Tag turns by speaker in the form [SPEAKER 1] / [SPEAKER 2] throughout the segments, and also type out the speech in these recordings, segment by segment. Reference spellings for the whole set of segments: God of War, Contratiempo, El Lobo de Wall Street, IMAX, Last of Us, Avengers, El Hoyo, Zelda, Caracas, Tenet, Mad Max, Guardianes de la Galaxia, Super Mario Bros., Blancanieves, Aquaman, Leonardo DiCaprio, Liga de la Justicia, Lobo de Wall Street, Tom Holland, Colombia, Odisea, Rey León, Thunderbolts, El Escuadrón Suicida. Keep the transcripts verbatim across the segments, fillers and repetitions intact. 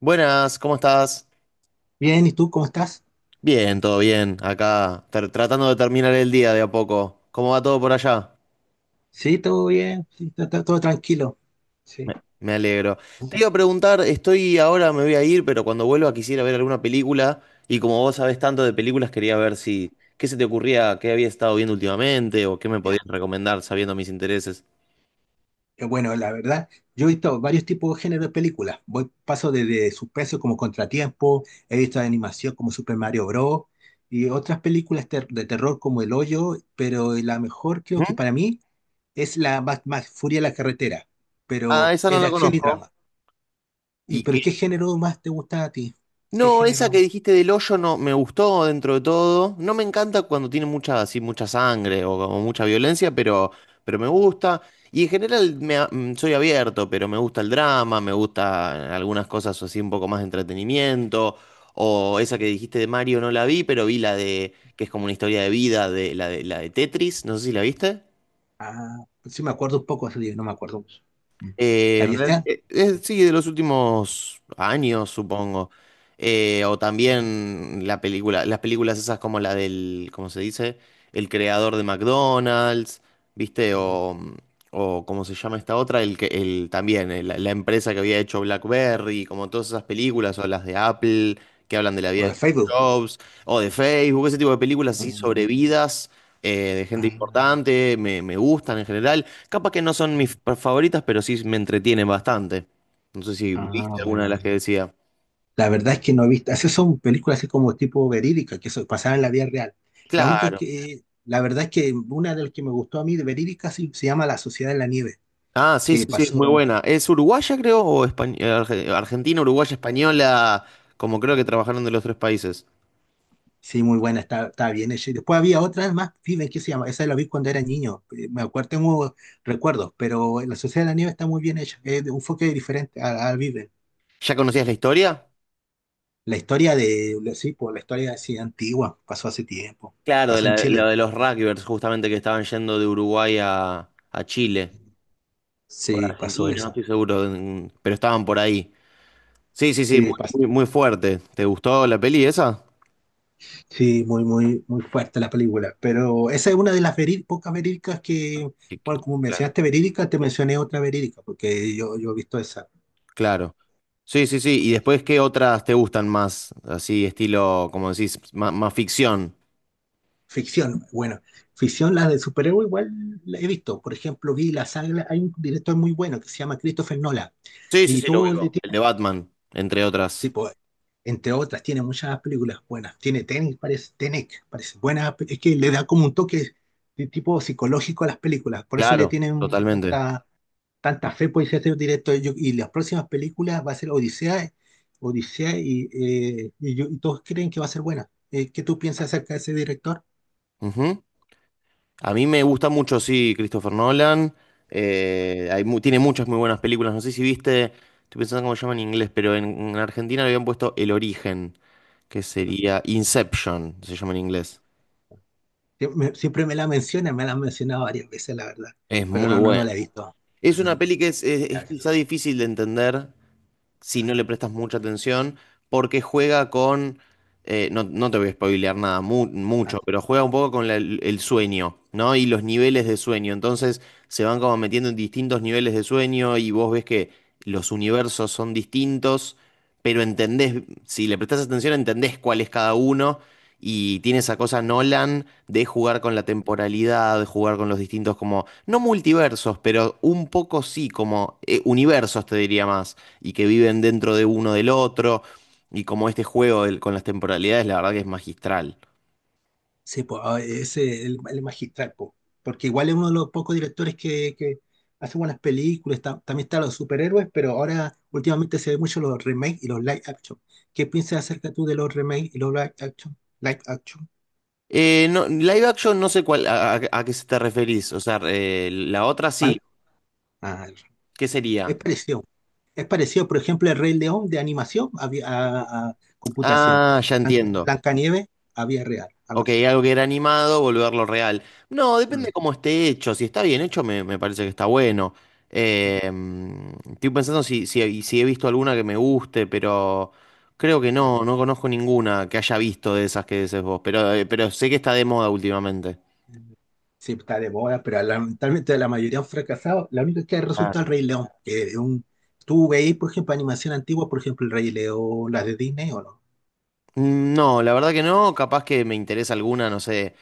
[SPEAKER 1] Buenas, ¿cómo estás?
[SPEAKER 2] Bien, ¿y tú cómo estás?
[SPEAKER 1] Bien, todo bien. Acá, tra- tratando de terminar el día de a poco. ¿Cómo va todo por allá?
[SPEAKER 2] Sí, todo bien, sí, está- está todo tranquilo. Sí,
[SPEAKER 1] Me, me alegro. Te iba a preguntar, estoy ahora, me voy a ir, pero cuando vuelva quisiera ver alguna película. Y como vos sabés tanto de películas, quería ver si, ¿qué se te ocurría, qué había estado viendo últimamente o qué me
[SPEAKER 2] ya.
[SPEAKER 1] podías recomendar sabiendo mis intereses?
[SPEAKER 2] Eh, Bueno, la verdad, yo he visto varios tipos de género de películas. Voy, paso desde suspenso como Contratiempo, he visto de animación como Super Mario Bros. Y otras películas ter- de terror como El Hoyo, pero la mejor creo que
[SPEAKER 1] ¿Mm?
[SPEAKER 2] para mí es la Mad Max, Furia en la carretera, pero
[SPEAKER 1] Ah, esa
[SPEAKER 2] es
[SPEAKER 1] no
[SPEAKER 2] de
[SPEAKER 1] la
[SPEAKER 2] acción y
[SPEAKER 1] conozco.
[SPEAKER 2] drama. ¿Y
[SPEAKER 1] ¿Y
[SPEAKER 2] pero
[SPEAKER 1] qué?
[SPEAKER 2] qué género más te gusta a ti? ¿Qué
[SPEAKER 1] No, esa que
[SPEAKER 2] género?
[SPEAKER 1] dijiste del hoyo no me gustó dentro de todo. No me encanta cuando tiene mucha, así, mucha sangre o como mucha violencia, pero, pero me gusta. Y en general me a- mm, soy abierto, pero me gusta el drama, me gusta algunas cosas así un poco más de entretenimiento. O esa que dijiste de Mario no la vi, pero vi la de, que es como una historia de vida, de la de, la de Tetris, no sé si la viste.
[SPEAKER 2] Ah, sí me acuerdo un poco, así, no me acuerdo mucho. Mm.
[SPEAKER 1] Eh,
[SPEAKER 2] Ahí es-
[SPEAKER 1] real- eh, eh, sí, de los últimos años, supongo. Eh, o también la película, las películas esas como la del, ¿cómo se dice? El creador de McDonald's, ¿viste?
[SPEAKER 2] ah,
[SPEAKER 1] O, o ¿cómo se llama esta otra? El que, el, también, eh, la, la empresa que había hecho BlackBerry, como todas esas películas, o las de Apple, que hablan de la
[SPEAKER 2] O
[SPEAKER 1] vida
[SPEAKER 2] de
[SPEAKER 1] de Steve
[SPEAKER 2] Facebook.
[SPEAKER 1] Jobs, o de Facebook, ese tipo de películas así
[SPEAKER 2] Ah,
[SPEAKER 1] sobre vidas eh, de gente
[SPEAKER 2] ah,
[SPEAKER 1] importante, me, me gustan en general. Capaz que no son mis pa- favoritas, pero sí me entretienen bastante. No sé si
[SPEAKER 2] ah,
[SPEAKER 1] viste alguna de las que
[SPEAKER 2] bueno.
[SPEAKER 1] decía.
[SPEAKER 2] La verdad es que no he visto. Esas son películas así como tipo verídica, que so- pasaban en la vida real. La única
[SPEAKER 1] Claro.
[SPEAKER 2] que. La verdad es que una de las que me gustó a mí de verídica sí, se llama La Sociedad de la Nieve,
[SPEAKER 1] Ah, sí,
[SPEAKER 2] que
[SPEAKER 1] sí, sí, es
[SPEAKER 2] pasó.
[SPEAKER 1] muy buena. ¿Es uruguaya, creo, o españ- eh, arge- argentina, uruguaya, española? Como creo que trabajaron de los tres países.
[SPEAKER 2] Sí, muy buena, está, está bien hecha. Y después había otras más, Fiben, ¿qué se llama? Esa la vi cuando era niño. eh, Me acuerdo, tengo recuerdos, pero La Sociedad de la Nieve está muy bien hecha. Es de un enfoque diferente a, a Viven.
[SPEAKER 1] ¿Ya conocías la historia?
[SPEAKER 2] La historia de. Sí, pues, la historia así antigua, pasó hace tiempo.
[SPEAKER 1] Claro, de
[SPEAKER 2] Pasó en
[SPEAKER 1] la, la
[SPEAKER 2] Chile.
[SPEAKER 1] de los rugbyers, justamente que estaban yendo de Uruguay a, a Chile. O de
[SPEAKER 2] Sí, pasó
[SPEAKER 1] Argentina, no
[SPEAKER 2] eso.
[SPEAKER 1] estoy seguro, en- pero estaban por ahí. Sí, sí, sí, muy,
[SPEAKER 2] Sí, pasó.
[SPEAKER 1] muy, muy fuerte. ¿Te gustó la peli esa?
[SPEAKER 2] Sí, muy, muy, muy fuerte la película. Pero esa es una de las veri- pocas verídicas que,
[SPEAKER 1] Que- que-
[SPEAKER 2] bueno, como
[SPEAKER 1] claro.
[SPEAKER 2] mencionaste verídica, te mencioné otra verídica, porque yo, yo he visto esa.
[SPEAKER 1] Claro. Sí, sí, sí. ¿Y después qué otras te gustan más? Así, estilo, como decís, ma- más, ficción.
[SPEAKER 2] Ficción, bueno, ficción, la de superhéroe igual la he visto. Por ejemplo, vi la saga, hay un director muy bueno que se llama Christopher Nolan.
[SPEAKER 1] Sí, sí,
[SPEAKER 2] Y
[SPEAKER 1] sí, lo
[SPEAKER 2] todo
[SPEAKER 1] ubico. El de Batman, entre
[SPEAKER 2] sí,
[SPEAKER 1] otras.
[SPEAKER 2] pues, entre otras, tiene muchas películas buenas. Tiene Tenet, parece, Tenet, parece buena. pe- Es que le da como un toque de tipo psicológico a las películas. Por eso le
[SPEAKER 1] Claro,
[SPEAKER 2] tienen
[SPEAKER 1] totalmente.
[SPEAKER 2] tanta, tanta fe, por ese directo. Yo- y las próximas películas va a ser Odisea, Odisea y, eh, y yo- y todos creen que va a ser buena. Eh, ¿qué tú piensas acerca de ese director?
[SPEAKER 1] Ujú. A mí me gusta mucho, sí, Christopher Nolan. Eh, hay mu- tiene muchas muy buenas películas. No sé si viste, estoy pensando cómo se llama en inglés, pero en, en Argentina le habían puesto El Origen, que sería Inception, se llama en inglés.
[SPEAKER 2] Sie- me- siempre me la menciona, me la han mencionado varias veces, la verdad.
[SPEAKER 1] Es
[SPEAKER 2] Pero
[SPEAKER 1] muy
[SPEAKER 2] no, no, no
[SPEAKER 1] bueno.
[SPEAKER 2] la he visto. No,
[SPEAKER 1] Es
[SPEAKER 2] no,
[SPEAKER 1] una
[SPEAKER 2] no,
[SPEAKER 1] peli que es, es-
[SPEAKER 2] la
[SPEAKER 1] es quizá
[SPEAKER 2] verdad.
[SPEAKER 1] difícil de entender si no le prestas mucha atención, porque juega con, eh, no, no te voy a spoilear nada mu- mucho, pero juega un poco con la- el sueño, ¿no? Y los niveles de sueño. Entonces se van como metiendo en distintos niveles de sueño y vos ves que los universos son distintos, pero entendés, si le prestás atención, entendés cuál es cada uno y tiene esa cosa Nolan de jugar con la temporalidad, de jugar con los distintos, como, no multiversos, pero un poco sí, como eh, universos, te diría más, y que viven dentro de uno del otro, y como este juego del- con las temporalidades, la verdad que es magistral.
[SPEAKER 2] Sí, pues, ah, ese es el, el magistral, po. Porque igual es uno de los pocos directores que, que hace buenas películas. Está- también están los superhéroes, pero ahora últimamente se ven mucho los remakes y los live action. ¿Qué piensas acerca tú de los remakes y los live action? Live action.
[SPEAKER 1] Eh, no, live action, no sé cuál, a, a- a qué se te referís, o sea, eh, la otra
[SPEAKER 2] Pan-
[SPEAKER 1] sí,
[SPEAKER 2] ah,
[SPEAKER 1] ¿qué
[SPEAKER 2] es
[SPEAKER 1] sería?
[SPEAKER 2] parecido. Es parecido, por ejemplo, el Rey León de animación a, vi- a- a computación.
[SPEAKER 1] Ah, ya
[SPEAKER 2] Blanca-
[SPEAKER 1] entiendo.
[SPEAKER 2] Blancanieves a vía real, algo
[SPEAKER 1] Ok,
[SPEAKER 2] así.
[SPEAKER 1] algo que era animado, volverlo real. No, depende cómo esté hecho. Si está bien hecho, me, me parece que está bueno.
[SPEAKER 2] Mm.
[SPEAKER 1] Eh, mm, estoy pensando si, si, si he visto alguna que me guste, pero creo que no, no conozco ninguna que haya visto de esas que dices vos. Pero, eh, pero sé que está de moda últimamente.
[SPEAKER 2] Sí, está de moda, pero lamentablemente la mayoría han fracasado. La única que ha resultado el
[SPEAKER 1] Claro.
[SPEAKER 2] Rey León. Que es un, ¿tú veis, por ejemplo, animación antigua, por ejemplo, el Rey León, las de Disney o no?
[SPEAKER 1] Mm, no, la verdad que no, capaz que me interesa alguna, no sé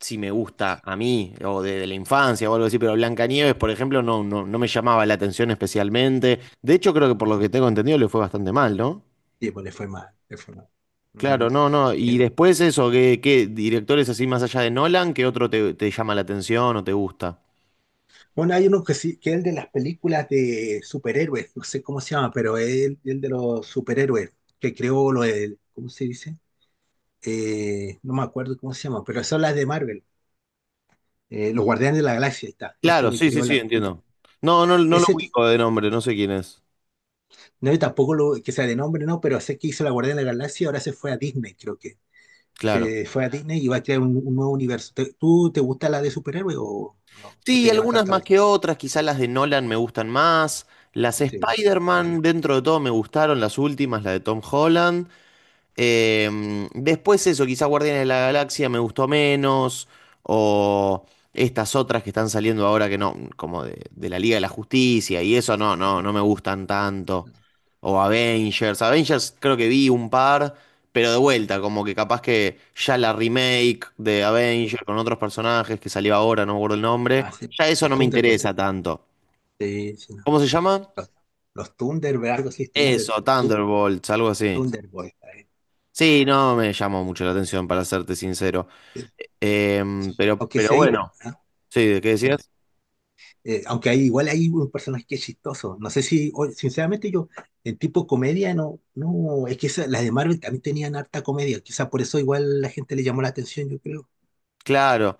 [SPEAKER 1] si me gusta a mí o de, de la infancia o algo así, pero Blancanieves, por ejemplo, no, no, no me llamaba la atención especialmente. De hecho, creo que por lo que tengo entendido le fue bastante mal, ¿no?
[SPEAKER 2] Sí, pues le fue mal, le fue mal. Ujú.
[SPEAKER 1] Claro, mm, no, no. Y
[SPEAKER 2] Eh,
[SPEAKER 1] después eso, ¿qué, ¿qué directores así más allá de Nolan, qué otro te, te llama la atención o te gusta?
[SPEAKER 2] bueno, hay uno que sí, que es el de las películas de superhéroes, no sé cómo se llama, pero es el, el de los superhéroes, que creó lo del, ¿cómo se dice? Eh, no me acuerdo cómo se llama, pero son las de Marvel, eh, los Guardianes de la Galaxia, ahí está,
[SPEAKER 1] Claro,
[SPEAKER 2] ese
[SPEAKER 1] sí, sí,
[SPEAKER 2] creó
[SPEAKER 1] sí,
[SPEAKER 2] la...
[SPEAKER 1] entiendo. No, no, no lo
[SPEAKER 2] Ese, ti-
[SPEAKER 1] ubico de nombre, no sé quién es.
[SPEAKER 2] No, y tampoco lo, que sea de nombre, no, pero sé que hizo La Guardia de la Galaxia, ahora se fue a Disney, creo que.
[SPEAKER 1] Claro.
[SPEAKER 2] Se fue a Disney y va a crear un, un nuevo universo. ¿Te- ¿Tú te gusta la de superhéroe o o no? No
[SPEAKER 1] Sí,
[SPEAKER 2] te llama
[SPEAKER 1] algunas
[SPEAKER 2] tanto la
[SPEAKER 1] más que
[SPEAKER 2] atención.
[SPEAKER 1] otras, quizás las de Nolan me gustan más. Las
[SPEAKER 2] Sí, bueno, vale.
[SPEAKER 1] Spider-Man, dentro de todo, me gustaron las últimas, la de Tom Holland. Eh, después eso, quizá Guardianes de la Galaxia me gustó menos, o estas otras que están saliendo ahora que no, como de, de la Liga de la Justicia y eso no, no, no me gustan tanto. O Avengers, Avengers creo que vi un par, pero de vuelta, como que capaz que ya la remake de Avengers con otros personajes que salió ahora, no me acuerdo el
[SPEAKER 2] Ah,
[SPEAKER 1] nombre,
[SPEAKER 2] sí.
[SPEAKER 1] ya eso
[SPEAKER 2] Los
[SPEAKER 1] no me
[SPEAKER 2] Thunderbolts.
[SPEAKER 1] interesa tanto.
[SPEAKER 2] Sí, sí, no.
[SPEAKER 1] ¿Cómo se llama?
[SPEAKER 2] Los, los Thunderbolts, algo así, Thunder,
[SPEAKER 1] Eso,
[SPEAKER 2] Thu-
[SPEAKER 1] Thunderbolts, algo así.
[SPEAKER 2] Thunderbolts. Eh,
[SPEAKER 1] Sí, no me llamó mucho la atención, para serte sincero.
[SPEAKER 2] sí,
[SPEAKER 1] Eh, Em,
[SPEAKER 2] sí.
[SPEAKER 1] pero,
[SPEAKER 2] Aunque sí
[SPEAKER 1] pero
[SPEAKER 2] hay.
[SPEAKER 1] bueno,
[SPEAKER 2] Ah,
[SPEAKER 1] sí, ¿de qué
[SPEAKER 2] sí.
[SPEAKER 1] decías?
[SPEAKER 2] Eh, aunque hay, igual hay un personaje que es chistoso. No sé si, o- sinceramente yo, en tipo comedia, no, no, es que esa- las de Marvel también tenían harta comedia. Quizá por eso igual la gente le llamó la atención, yo creo.
[SPEAKER 1] Claro.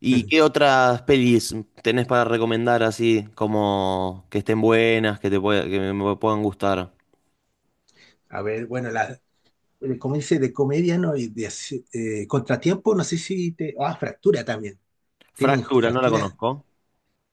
[SPEAKER 1] ¿Y qué otras pelis tenés para recomendar así, como que estén buenas, que te pueda- que me, me puedan gustar?
[SPEAKER 2] A ver, bueno, la, eh, como dice, de comedia, ¿no? Y de, así- eh, contratiempo, no sé si te... Ah, fractura también. Tienen
[SPEAKER 1] Fractura, no la
[SPEAKER 2] fractura.
[SPEAKER 1] conozco.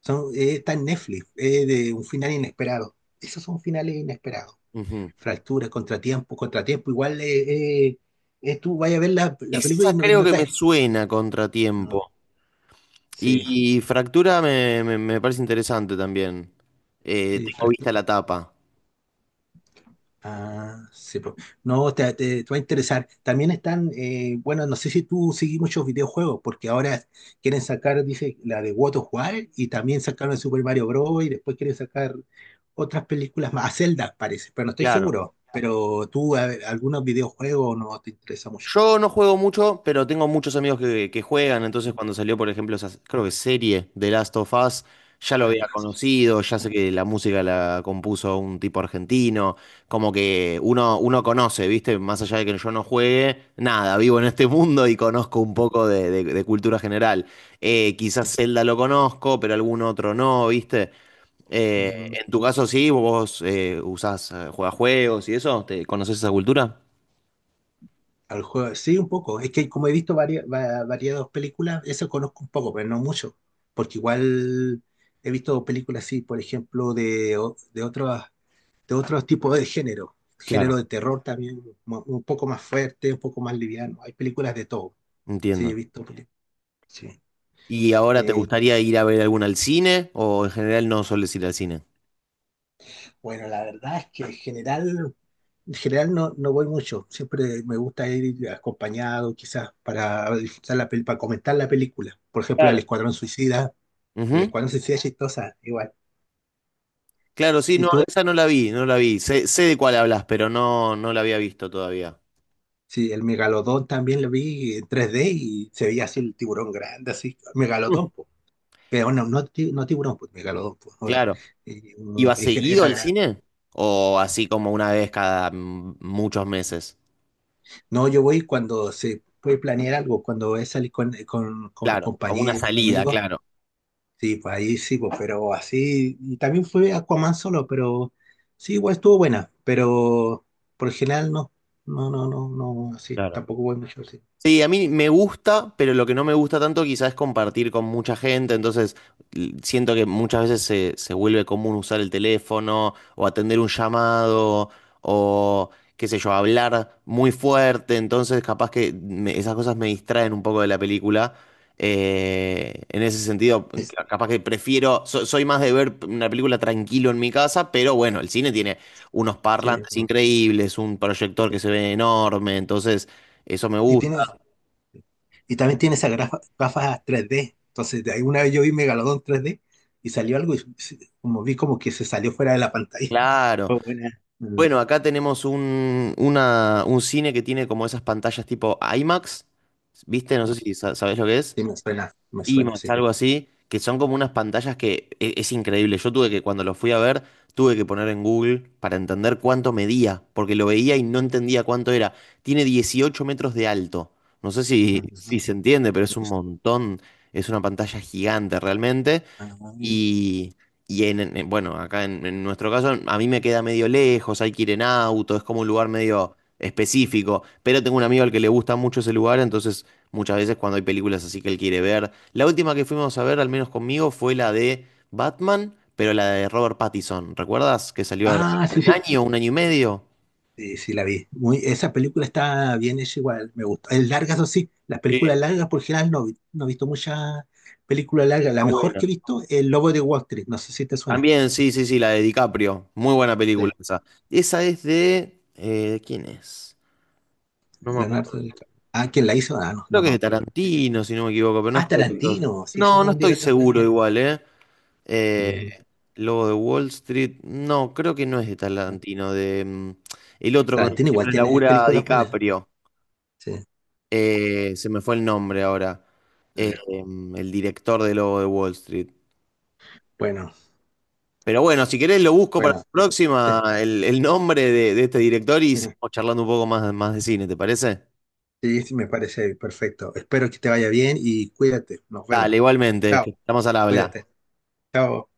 [SPEAKER 2] Son, eh, está en Netflix, eh, de un final inesperado. Esos son finales inesperados.
[SPEAKER 1] Ujú.
[SPEAKER 2] Fractura, contratiempo, contratiempo. Igual eh, eh, eh, tú vayas a ver la, la película
[SPEAKER 1] Esa
[SPEAKER 2] y no,
[SPEAKER 1] creo
[SPEAKER 2] no
[SPEAKER 1] que me
[SPEAKER 2] te...
[SPEAKER 1] suena Contratiempo.
[SPEAKER 2] Sí,
[SPEAKER 1] Y Fractura me, me- me parece interesante también. Eh,
[SPEAKER 2] sí,
[SPEAKER 1] tengo
[SPEAKER 2] exacto.
[SPEAKER 1] vista la tapa.
[SPEAKER 2] Ah, sí, po. No, te, te- te va a interesar. También están, eh, bueno, no sé si tú seguís muchos videojuegos, porque ahora quieren sacar, dice, la de God of War y también sacaron el Super Mario Bros. Y después quieren sacar otras películas más. A Zelda, parece, pero no estoy
[SPEAKER 1] Claro.
[SPEAKER 2] seguro. Pero tú, a- algunos videojuegos no te interesa mucho.
[SPEAKER 1] Yo no juego mucho, pero tengo muchos amigos que, que juegan, entonces
[SPEAKER 2] Mm.
[SPEAKER 1] cuando salió, por ejemplo, esa, creo que serie de Last of Us, ya lo
[SPEAKER 2] Ah, de
[SPEAKER 1] había
[SPEAKER 2] la-
[SPEAKER 1] conocido, ya sé que la música la compuso un tipo argentino, como que uno, uno conoce, ¿viste? Más allá de que yo no juegue, nada, vivo en este mundo y conozco un poco de, de- de cultura general. Eh, quizás Zelda lo conozco, pero algún otro no, ¿viste? Eh,
[SPEAKER 2] sí.
[SPEAKER 1] en tu caso sí, vos eh, usás, eh, jugás juegos y eso, ¿te conoces esa cultura?
[SPEAKER 2] Al juego, sí, un poco. Es que como he visto varias, va- variadas películas, eso conozco un poco, pero no mucho. Porque igual he visto películas así, por ejemplo, de, o- de otros, de otros tipos de género. Género
[SPEAKER 1] Claro.
[SPEAKER 2] de terror también, mo- un poco más fuerte, un poco más liviano. Hay películas de todo.
[SPEAKER 1] Entiendo.
[SPEAKER 2] Sí, he visto películas. Sí.
[SPEAKER 1] ¿Y ahora te
[SPEAKER 2] Eh,
[SPEAKER 1] gustaría ir a ver alguna al cine? ¿O en general no sueles ir al cine?
[SPEAKER 2] bueno, la verdad es que en general, en general no, no voy mucho. Siempre me gusta ir acompañado, quizás, para, disfrutar la pel- para comentar la película. Por ejemplo, El
[SPEAKER 1] Claro.
[SPEAKER 2] Escuadrón Suicida les
[SPEAKER 1] Ujú.
[SPEAKER 2] cual no se hacía chistosa, igual.
[SPEAKER 1] Claro, sí,
[SPEAKER 2] Y
[SPEAKER 1] no,
[SPEAKER 2] tú,
[SPEAKER 1] esa no la vi, no la vi. Sé, sé de cuál hablas, pero no, no la había visto todavía.
[SPEAKER 2] sí, el megalodón también lo vi en tres D y se veía así el tiburón grande, así,
[SPEAKER 1] Mm,
[SPEAKER 2] megalodón, pues. Pero no, no, ti- no tiburón, pues, megalodón, pues, obvio.
[SPEAKER 1] claro.
[SPEAKER 2] Y, mm,
[SPEAKER 1] ¿Iba
[SPEAKER 2] y gen-
[SPEAKER 1] seguido
[SPEAKER 2] era
[SPEAKER 1] al
[SPEAKER 2] grande.
[SPEAKER 1] cine? ¿O así como una vez cada mm, muchos meses?
[SPEAKER 2] No, yo voy cuando se puede planear algo, cuando voy a salir con, con, con los
[SPEAKER 1] Claro, como una
[SPEAKER 2] compañeros,
[SPEAKER 1] salida,
[SPEAKER 2] amigos,
[SPEAKER 1] claro.
[SPEAKER 2] sí, pues ahí sí, pues, pero así, y también fue Aquaman solo, pero sí, igual estuvo buena, pero por el general no, no, no, no, no, así, tampoco voy mucho, sí.
[SPEAKER 1] Sí, a mí me gusta, pero lo que no me gusta tanto quizás es compartir con mucha gente, entonces l- siento que muchas veces se, se vuelve común usar el teléfono o atender un llamado o qué sé yo, hablar muy fuerte, entonces capaz que me- esas cosas me distraen un poco de la película. Eh, en ese sentido,
[SPEAKER 2] Sí,
[SPEAKER 1] ca- capaz que prefiero, so- soy más de ver una película tranquilo en mi casa, pero bueno, el cine tiene unos
[SPEAKER 2] sí,
[SPEAKER 1] parlantes increíbles, un proyector que se ve enorme, entonces... Eso me
[SPEAKER 2] y
[SPEAKER 1] gusta.
[SPEAKER 2] tiene, y también tiene esas grafa- gafas tres D. Entonces, de ahí una vez yo vi Megalodón tres D y salió algo y se- como vi como que se salió fuera de la pantalla.
[SPEAKER 1] Claro.
[SPEAKER 2] Fue buena. Mm,
[SPEAKER 1] Bueno, acá tenemos un, una- un cine que tiene como esas pantallas tipo IMAX, ¿viste? No sé si sa- sabés lo que es.
[SPEAKER 2] sí, me suena, me suena,
[SPEAKER 1] IMAX,
[SPEAKER 2] sí.
[SPEAKER 1] algo así, que son como unas pantallas que e- es increíble. Yo tuve que, cuando lo fui a ver, tuve que poner en Google para entender cuánto medía, porque lo veía y no entendía cuánto era. Tiene dieciocho metros de alto. No sé si, si
[SPEAKER 2] Ujú.
[SPEAKER 1] se entiende, pero es un montón. Es una pantalla gigante realmente. Y, y en, en- bueno, acá en, en nuestro caso, a mí me queda medio lejos, hay que ir en auto, es como un lugar medio específico. Pero tengo un amigo al que le gusta mucho ese lugar, entonces muchas veces cuando hay películas así que él quiere ver. La última que fuimos a ver, al menos conmigo, fue la de Batman, pero la de Robert Pattinson. ¿Recuerdas? Que salió hace
[SPEAKER 2] Ah, sí,
[SPEAKER 1] un
[SPEAKER 2] sí.
[SPEAKER 1] año, un año y medio.
[SPEAKER 2] Sí, sí, la vi. Muy, esa película está bien hecha igual, me gusta. Es larga, eso sí. Las
[SPEAKER 1] Sí.
[SPEAKER 2] películas largas, por general, no, vi- no he visto muchas películas largas. La
[SPEAKER 1] Está
[SPEAKER 2] mejor
[SPEAKER 1] buena.
[SPEAKER 2] que he visto es El Lobo de Wall Street. No sé si te suena.
[SPEAKER 1] También, sí, sí, sí, la de DiCaprio. Muy buena película
[SPEAKER 2] Sí.
[SPEAKER 1] esa. Esa es de, eh, ¿quién es? No me acuerdo.
[SPEAKER 2] Leonardo DiCaprio. Ah, ¿quién la hizo? Ah, no,
[SPEAKER 1] Creo
[SPEAKER 2] no
[SPEAKER 1] que
[SPEAKER 2] me
[SPEAKER 1] es de
[SPEAKER 2] acuerdo.
[SPEAKER 1] Tarantino, si no me equivoco, pero no
[SPEAKER 2] Ah,
[SPEAKER 1] estoy. to-
[SPEAKER 2] Tarantino, sí, ese es un
[SPEAKER 1] no, no
[SPEAKER 2] buen
[SPEAKER 1] estoy
[SPEAKER 2] director
[SPEAKER 1] seguro
[SPEAKER 2] también.
[SPEAKER 1] igual, ¿eh? Eh,
[SPEAKER 2] Mm.
[SPEAKER 1] Lobo de Wall Street. No, creo que no es de Tarantino, de mm, el otro con el que
[SPEAKER 2] Tarantino igual
[SPEAKER 1] siempre
[SPEAKER 2] tiene
[SPEAKER 1] labura
[SPEAKER 2] películas buenas. ¿Eh?
[SPEAKER 1] DiCaprio.
[SPEAKER 2] Sí,
[SPEAKER 1] Eh, se me fue el nombre ahora. Eh,
[SPEAKER 2] vale.
[SPEAKER 1] em, el director de Lobo de Wall Street.
[SPEAKER 2] Bueno,
[SPEAKER 1] Pero bueno, si querés lo busco para
[SPEAKER 2] bueno,
[SPEAKER 1] la
[SPEAKER 2] sí, sí,
[SPEAKER 1] próxima, el, el nombre de, de este director y
[SPEAKER 2] sí,
[SPEAKER 1] seguimos charlando un poco más, más de cine, ¿te parece?
[SPEAKER 2] sí, sí, me parece perfecto. Espero que te vaya bien y cuídate. Nos vemos.
[SPEAKER 1] Dale, igualmente,
[SPEAKER 2] Chao,
[SPEAKER 1] que estamos al habla.
[SPEAKER 2] cuídate. Chao.